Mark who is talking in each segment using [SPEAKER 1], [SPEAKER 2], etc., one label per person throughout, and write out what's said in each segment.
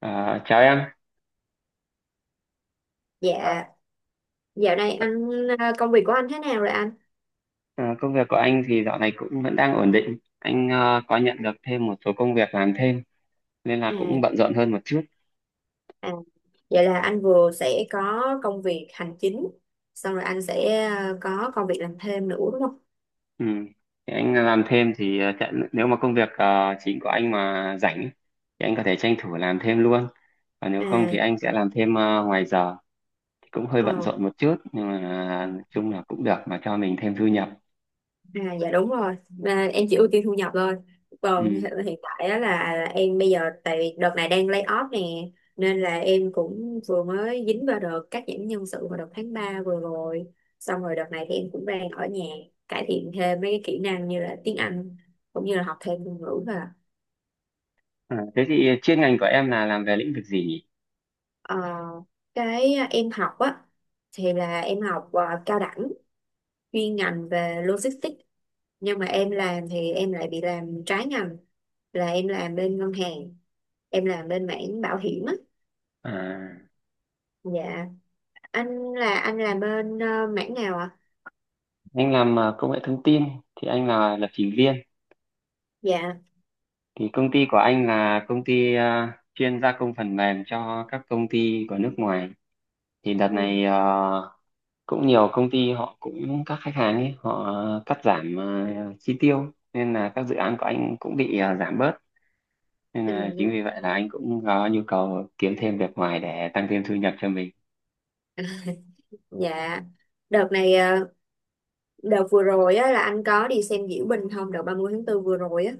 [SPEAKER 1] À, chào em,
[SPEAKER 2] Dạ, dạo này anh công việc của anh thế nào rồi anh?
[SPEAKER 1] à, công việc của anh thì dạo này cũng vẫn đang ổn định. Anh có nhận được thêm một số công việc làm thêm nên là cũng
[SPEAKER 2] À,
[SPEAKER 1] bận rộn hơn một chút.
[SPEAKER 2] à, vậy là anh vừa sẽ có công việc hành chính, xong rồi anh sẽ có công việc làm thêm nữa đúng không?
[SPEAKER 1] Ừ. Thì anh làm thêm thì nếu mà công việc chính của anh mà rảnh ấy, thì anh có thể tranh thủ làm thêm luôn. Còn nếu không thì
[SPEAKER 2] À,
[SPEAKER 1] anh sẽ làm thêm ngoài giờ. Thì cũng hơi bận
[SPEAKER 2] ờ.
[SPEAKER 1] rộn một chút nhưng mà nói chung là cũng được mà cho mình thêm thu nhập.
[SPEAKER 2] À, dạ đúng rồi, em chỉ ưu tiên thu nhập thôi, còn
[SPEAKER 1] Ừ.
[SPEAKER 2] hiện tại á là em bây giờ tại vì đợt này đang lay off nè, nên là em cũng vừa mới dính vào đợt cắt giảm nhân sự vào đợt tháng 3 vừa rồi. Xong rồi đợt này thì em cũng đang ở nhà cải thiện thêm mấy cái kỹ năng như là tiếng Anh, cũng như là học thêm ngôn ngữ và
[SPEAKER 1] À, thế thì chuyên ngành của em là làm về lĩnh vực gì nhỉ?
[SPEAKER 2] ờ, cái em học á thì là em học cao đẳng chuyên ngành về logistics, nhưng mà em làm thì em lại bị làm trái ngành, là em làm bên ngân hàng, em làm bên mảng bảo hiểm á.
[SPEAKER 1] À,
[SPEAKER 2] Dạ, anh là anh làm bên mảng nào ạ?
[SPEAKER 1] anh làm công nghệ thông tin thì anh là lập trình viên.
[SPEAKER 2] Dạ.
[SPEAKER 1] Thì công ty của anh là công ty chuyên gia công phần mềm cho các công ty của nước ngoài. Thì đợt
[SPEAKER 2] Ừ.
[SPEAKER 1] này cũng nhiều công ty họ cũng các khách hàng ấy họ cắt giảm chi tiêu nên là các dự án của anh cũng bị giảm bớt. Nên là chính
[SPEAKER 2] Ừ.
[SPEAKER 1] vì vậy là anh cũng có nhu cầu kiếm thêm việc ngoài để tăng thêm thu nhập cho mình.
[SPEAKER 2] Dạ, đợt này ờ, đợt vừa rồi á là anh có đi xem diễu binh không, đợt 30 tháng 4 vừa rồi á?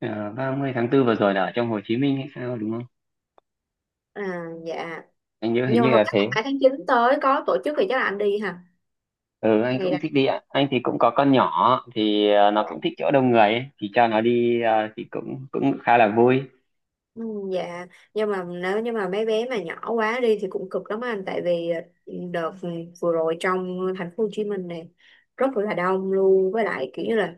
[SPEAKER 1] Ờ, 30 tháng 4 vừa rồi là ở trong Hồ Chí Minh hay sao đúng không?
[SPEAKER 2] À, dạ,
[SPEAKER 1] Anh nhớ hình
[SPEAKER 2] nhưng
[SPEAKER 1] như
[SPEAKER 2] mà không
[SPEAKER 1] là
[SPEAKER 2] chắc là
[SPEAKER 1] thế.
[SPEAKER 2] 2 tháng 9 tới có tổ chức, thì chắc là anh đi hả?
[SPEAKER 1] Ừ, anh cũng
[SPEAKER 2] Ngày
[SPEAKER 1] thích đi ạ. Anh thì cũng có con nhỏ thì nó
[SPEAKER 2] đó.
[SPEAKER 1] cũng thích chỗ đông người ấy, thì cho nó đi thì cũng cũng khá là vui.
[SPEAKER 2] Ừ, dạ, nhưng mà nếu như mà mấy bé mà nhỏ quá đi thì cũng cực lắm anh, tại vì đợt vừa rồi trong thành phố Hồ Chí Minh này rất là đông luôn, với lại kiểu như là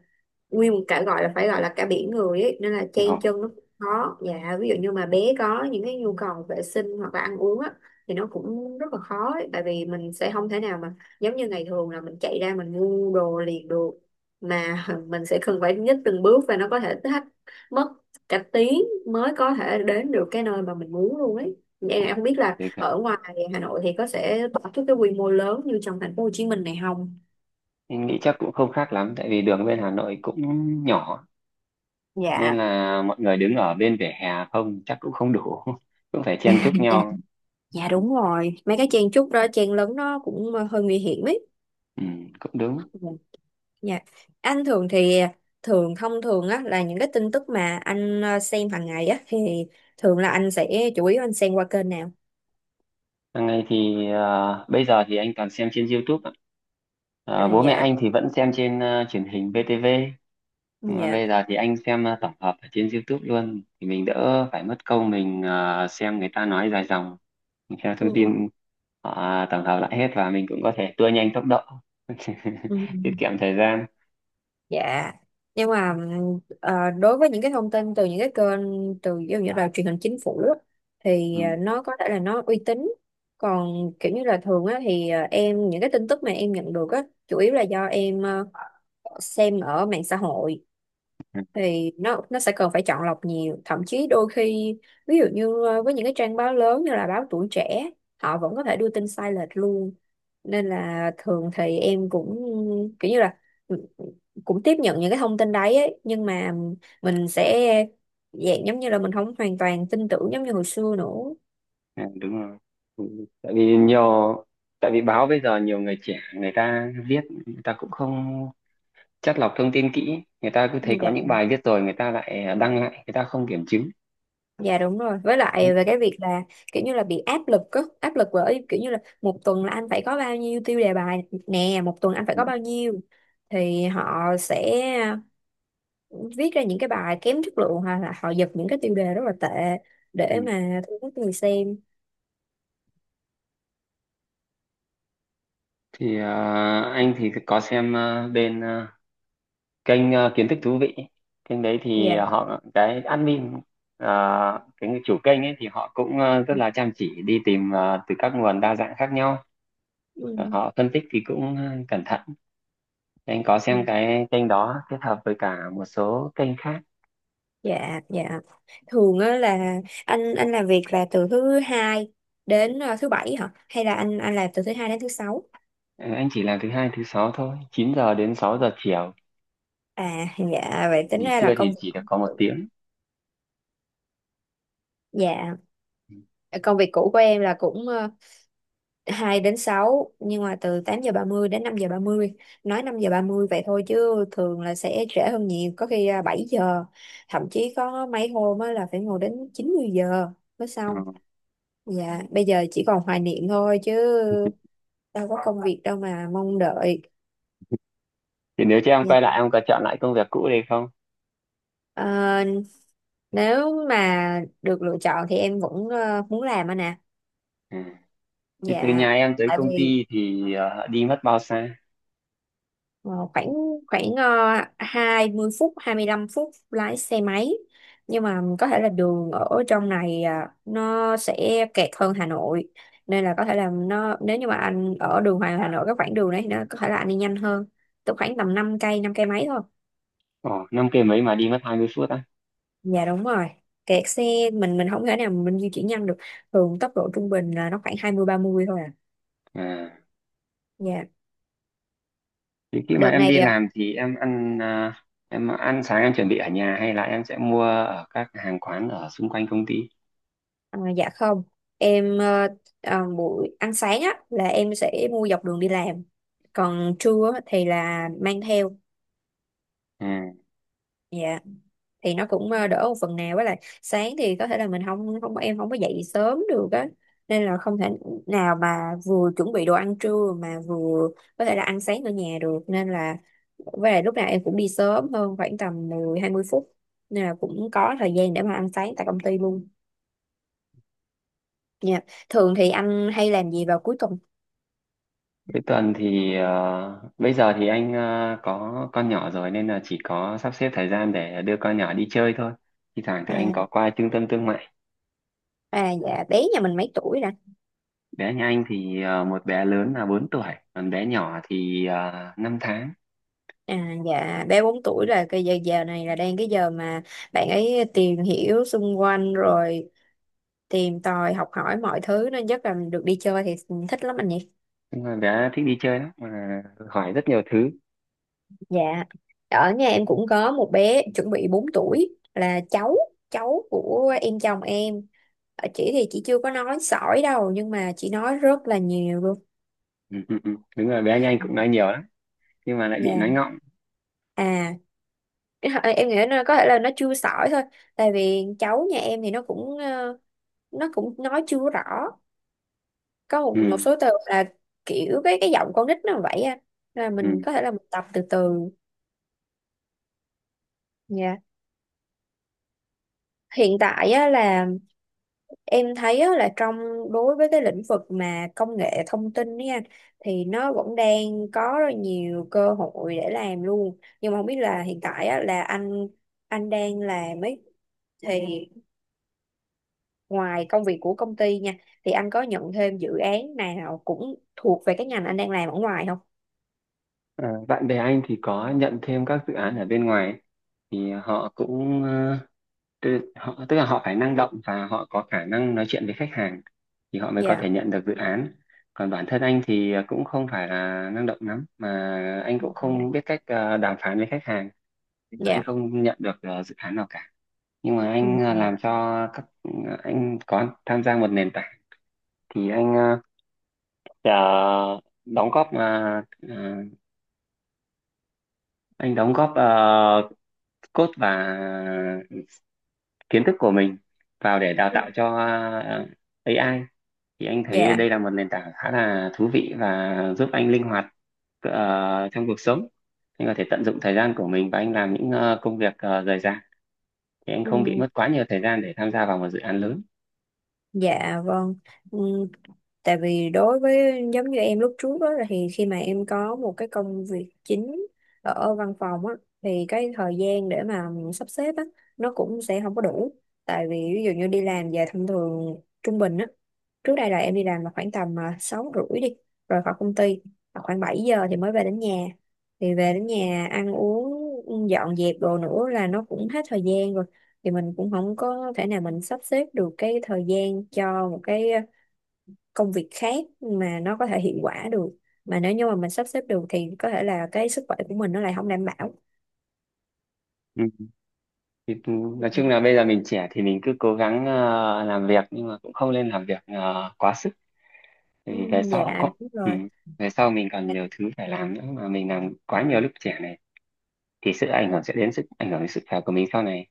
[SPEAKER 2] nguyên một cả gọi là phải gọi là cả biển người ấy, nên là
[SPEAKER 1] Ừ.
[SPEAKER 2] chen chân nó cũng khó. Dạ, ví dụ như mà bé có những cái nhu cầu vệ sinh hoặc là ăn uống á thì nó cũng rất là khó ấy, tại vì mình sẽ không thể nào mà giống như ngày thường là mình chạy ra mình mua đồ liền được, mà mình sẽ cần phải nhích từng bước và nó có thể thách mất cả tiếng mới có thể đến được cái nơi mà mình muốn luôn ấy. Em không biết là
[SPEAKER 1] Thế cả.
[SPEAKER 2] ở ngoài Hà Nội thì có sẽ tổ chức cái quy mô lớn như trong thành phố Hồ Chí Minh này không?
[SPEAKER 1] Anh nghĩ chắc cũng không khác lắm tại vì đường bên Hà Nội cũng nhỏ, nên
[SPEAKER 2] Dạ.
[SPEAKER 1] là mọi người đứng ở bên vỉa hè không chắc cũng không đủ cũng phải chen chúc
[SPEAKER 2] Dạ,
[SPEAKER 1] nhau.
[SPEAKER 2] dạ đúng rồi. Mấy cái chen chúc đó, chen lấn nó cũng hơi nguy hiểm ấy.
[SPEAKER 1] Ừ, cũng đúng.
[SPEAKER 2] Ừ, dạ. Anh thường thì thường thông thường á là những cái tin tức mà anh xem hàng ngày á thì thường là anh sẽ chủ yếu anh xem qua kênh nào?
[SPEAKER 1] Hàng ngày thì bây giờ thì anh toàn xem trên YouTube ạ.
[SPEAKER 2] À,
[SPEAKER 1] Bố mẹ
[SPEAKER 2] dạ.
[SPEAKER 1] anh thì vẫn xem trên truyền hình VTV. Mà
[SPEAKER 2] Dạ.
[SPEAKER 1] bây giờ thì anh xem tổng hợp ở trên YouTube luôn, thì mình đỡ phải mất công mình xem người ta nói dài dòng, mình theo
[SPEAKER 2] Ừ,
[SPEAKER 1] thông
[SPEAKER 2] ừ,
[SPEAKER 1] tin họ tổng hợp lại hết và mình cũng có thể tua nhanh tốc độ
[SPEAKER 2] ừ.
[SPEAKER 1] tiết kiệm thời gian.
[SPEAKER 2] Dạ. Nhưng mà đối với những cái thông tin từ những cái kênh từ ví dụ như là truyền hình chính phủ á, thì
[SPEAKER 1] Ừ,
[SPEAKER 2] nó có thể là nó uy tín. Còn kiểu như là thường á thì em, những cái tin tức mà em nhận được á chủ yếu là do em xem ở mạng xã hội,
[SPEAKER 1] ừ,
[SPEAKER 2] thì nó sẽ cần phải chọn lọc nhiều, thậm chí đôi khi ví dụ như với những cái trang báo lớn như là báo Tuổi Trẻ, họ vẫn có thể đưa tin sai lệch luôn, nên là thường thì em cũng kiểu như là cũng tiếp nhận những cái thông tin đấy ấy, nhưng mà mình sẽ dạng giống như là mình không hoàn toàn tin tưởng giống như hồi xưa nữa.
[SPEAKER 1] ừ, đúng rồi. Ừ, tại vì báo bây giờ nhiều người trẻ người ta viết người ta cũng không chắt lọc thông tin kỹ, người ta cứ thấy có
[SPEAKER 2] Dạ,
[SPEAKER 1] những bài viết rồi người ta lại đăng lại, người ta không kiểm chứng.
[SPEAKER 2] dạ đúng rồi, với
[SPEAKER 1] Ừ.
[SPEAKER 2] lại về cái việc là kiểu như là bị áp lực á, áp lực bởi kiểu như là một tuần là anh phải có bao nhiêu tiêu đề bài nè, một tuần anh phải
[SPEAKER 1] Ừ.
[SPEAKER 2] có bao nhiêu, thì họ sẽ viết ra những cái bài kém chất lượng hoặc là họ giật những cái tiêu đề rất là tệ
[SPEAKER 1] Ừ.
[SPEAKER 2] để mà thu hút người xem.
[SPEAKER 1] Thì anh thì có xem bên kênh kiến thức thú vị. Kênh đấy thì
[SPEAKER 2] Dạ.
[SPEAKER 1] họ, cái admin ờ, cái người chủ kênh ấy, thì họ cũng rất là chăm chỉ đi tìm từ các nguồn đa dạng khác nhau. Họ phân tích thì cũng cẩn thận. Anh có xem
[SPEAKER 2] Ừ.
[SPEAKER 1] cái kênh đó kết hợp với cả một số kênh khác.
[SPEAKER 2] Dạ, dạ. Thường á là anh làm việc là từ thứ hai đến thứ bảy hả? Hay là anh làm từ thứ hai đến thứ sáu?
[SPEAKER 1] Ờ, anh chỉ làm thứ hai thứ sáu thôi, 9 giờ đến 6 giờ chiều,
[SPEAKER 2] À, dạ vậy tính
[SPEAKER 1] nghỉ
[SPEAKER 2] ra là
[SPEAKER 1] trưa thì chỉ được có một tiếng.
[SPEAKER 2] dạ công việc cũ của em là cũng 2 đến sáu, nhưng mà từ 8 giờ 30 đến 5 giờ 30. Nói 5 giờ 30 vậy thôi chứ thường là sẽ trễ hơn nhiều, có khi 7 giờ, thậm chí có mấy hôm á là phải ngồi đến 90 giờ mới
[SPEAKER 1] Ừ.
[SPEAKER 2] xong. Dạ, bây giờ chỉ còn hoài niệm thôi, chứ đâu có công việc đâu mà mong đợi.
[SPEAKER 1] Thì nếu cho em
[SPEAKER 2] Dạ.
[SPEAKER 1] quay lại em có chọn lại công việc cũ đây không?
[SPEAKER 2] Ờ, nếu mà được lựa chọn thì em vẫn muốn làm anh nè.
[SPEAKER 1] Ừ. Thì từ
[SPEAKER 2] Dạ,
[SPEAKER 1] nhà em tới
[SPEAKER 2] tại
[SPEAKER 1] công
[SPEAKER 2] vì
[SPEAKER 1] ty thì đi mất bao xa?
[SPEAKER 2] ờ, khoảng khoảng 20 phút 25 phút lái xe máy, nhưng mà có thể là đường ở trong này à, nó sẽ kẹt hơn Hà Nội, nên là có thể là nó, nếu như mà anh ở đường Hoàng Hà Nội cái khoảng đường đấy thì nó có thể là anh đi nhanh hơn. Tức khoảng tầm 5 cây, 5 cây mấy thôi.
[SPEAKER 1] Ồ, 5 cây mấy mà đi mất 20 phút á.
[SPEAKER 2] Dạ đúng rồi, kẹt xe mình không thể nào mình di chuyển nhanh được, thường tốc độ trung bình là nó khoảng 20, 30 thôi à.
[SPEAKER 1] À,
[SPEAKER 2] Dạ,
[SPEAKER 1] thì khi mà
[SPEAKER 2] đợt
[SPEAKER 1] em
[SPEAKER 2] này
[SPEAKER 1] đi làm thì em ăn sáng em chuẩn bị ở nhà hay là em sẽ mua ở các hàng quán ở xung quanh công ty?
[SPEAKER 2] ờ, dạ không, em buổi ăn sáng á là em sẽ mua dọc đường đi làm, còn trưa á thì là mang theo.
[SPEAKER 1] À,
[SPEAKER 2] Dạ, thì nó cũng đỡ một phần nào, với lại sáng thì có thể là mình không không em không có dậy sớm được á, nên là không thể nào mà vừa chuẩn bị đồ ăn trưa mà vừa có thể là ăn sáng ở nhà được. Nên là với lại lúc nào em cũng đi sớm hơn khoảng tầm 10, 20 phút, nên là cũng có thời gian để mà ăn sáng tại công ty luôn. Dạ. Thường thì anh hay làm gì vào cuối tuần?
[SPEAKER 1] cuối tuần thì bây giờ thì anh có con nhỏ rồi nên là chỉ có sắp xếp thời gian để đưa con nhỏ đi chơi thôi. Thì thoảng thì anh
[SPEAKER 2] à,
[SPEAKER 1] có qua trung tâm thương mại.
[SPEAKER 2] à dạ bé nhà mình mấy tuổi?
[SPEAKER 1] Bé nhà anh thì một bé lớn là 4 tuổi, còn bé nhỏ thì 5 tháng.
[SPEAKER 2] À, dạ bé 4 tuổi là cái giờ giờ này là đang cái giờ mà bạn ấy tìm hiểu xung quanh rồi tìm tòi học hỏi mọi thứ, nên chắc là được đi chơi thì thích lắm anh nhỉ.
[SPEAKER 1] Nhưng mà bé thích đi chơi lắm mà hỏi rất nhiều thứ.
[SPEAKER 2] Dạ, ở nhà em cũng có một bé chuẩn bị 4 tuổi là cháu cháu của em, chồng em. Ờ, chị thì chị chưa có nói sỏi đâu, nhưng mà chị nói rất là nhiều luôn.
[SPEAKER 1] Ừ, ừ, ừ. Đúng rồi, bé anh cũng nói nhiều lắm nhưng mà lại bị
[SPEAKER 2] Dạ.
[SPEAKER 1] nói ngọng.
[SPEAKER 2] À, em nghĩ là có thể là nó chưa sỏi thôi, tại vì cháu nhà em thì nó cũng nó cũng nói chưa rõ, có một
[SPEAKER 1] Ừ,
[SPEAKER 2] số từ là kiểu cái giọng con nít nó vậy á, là mình
[SPEAKER 1] ừ.
[SPEAKER 2] có thể là mình tập từ từ nha. Hiện tại á là em thấy á là đối với cái lĩnh vực mà công nghệ thông tin nha, thì nó vẫn đang có rất nhiều cơ hội để làm luôn, nhưng mà không biết là hiện tại á là anh đang làm ấy, thì ngoài công việc của công ty nha, thì anh có nhận thêm dự án nào cũng thuộc về cái ngành anh đang làm ở ngoài không?
[SPEAKER 1] Ờ, bạn bè anh thì có nhận thêm các dự án ở bên ngoài ấy, thì họ cũng tức là họ phải năng động và họ có khả năng nói chuyện với khách hàng thì họ mới có
[SPEAKER 2] Dạ.
[SPEAKER 1] thể nhận được dự án. Còn bản thân anh thì cũng không phải là năng động lắm mà anh cũng
[SPEAKER 2] Dạ.
[SPEAKER 1] không biết cách đàm phán với khách hàng. Anh
[SPEAKER 2] Dạ.
[SPEAKER 1] không nhận được dự án nào cả. Nhưng mà anh
[SPEAKER 2] Ừ.
[SPEAKER 1] ờ, làm cho các Anh có tham gia một nền tảng, thì anh Dạ, đóng góp à, à, anh đóng góp code và kiến thức của mình vào để đào
[SPEAKER 2] Ừ.
[SPEAKER 1] tạo cho AI. Thì anh thấy
[SPEAKER 2] Dạ.
[SPEAKER 1] đây là một nền tảng khá là thú vị và giúp anh linh hoạt trong cuộc sống. Anh có thể tận dụng thời gian của mình và anh làm những công việc rời rạc, thì anh
[SPEAKER 2] Ừ,
[SPEAKER 1] không bị mất quá nhiều thời gian để tham gia vào một dự án lớn.
[SPEAKER 2] dạ vâng. Ừ, tại vì đối với giống như em lúc trước đó, thì khi mà em có một cái công việc chính ở văn phòng á, thì cái thời gian để mà sắp xếp á, nó cũng sẽ không có đủ. Tại vì ví dụ như đi làm về thông thường, trung bình á, trước đây là em đi làm là khoảng tầm 6 rưỡi đi, rồi khỏi công ty là khoảng 7 giờ thì mới về đến nhà, thì về đến nhà ăn uống dọn dẹp đồ nữa là nó cũng hết thời gian rồi, thì mình cũng không có thể nào mình sắp xếp được cái thời gian cho một cái công việc khác mà nó có thể hiệu quả được, mà nếu như mà mình sắp xếp được thì có thể là cái sức khỏe của mình nó lại không đảm bảo.
[SPEAKER 1] Ừ. Thì, nói chung là bây giờ mình trẻ thì mình cứ cố gắng làm việc nhưng mà cũng không nên làm việc quá sức,
[SPEAKER 2] Ừ,
[SPEAKER 1] thì về sau
[SPEAKER 2] dạ đúng
[SPEAKER 1] ừ,
[SPEAKER 2] rồi.
[SPEAKER 1] về sau mình còn nhiều thứ phải làm nữa, mà mình làm quá nhiều lúc trẻ này thì sự ảnh hưởng sẽ đến sức ảnh hưởng đến sức khỏe của mình sau này.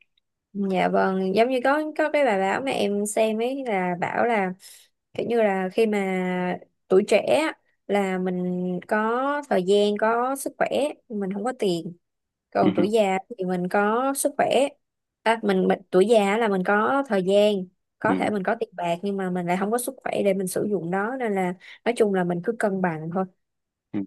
[SPEAKER 2] Dạ vâng, giống như có cái bài báo mà em xem ấy là bảo là kiểu như là khi mà tuổi trẻ á, là mình có thời gian, có sức khỏe, mình không có tiền, còn tuổi
[SPEAKER 1] Ừ,
[SPEAKER 2] già thì mình có sức khỏe. Mình tuổi già là mình có thời gian, có thể
[SPEAKER 1] ừ,
[SPEAKER 2] mình có tiền bạc nhưng mà mình lại không có sức khỏe để mình sử dụng nó, nên là nói chung là mình cứ cân bằng thôi.
[SPEAKER 1] ừ.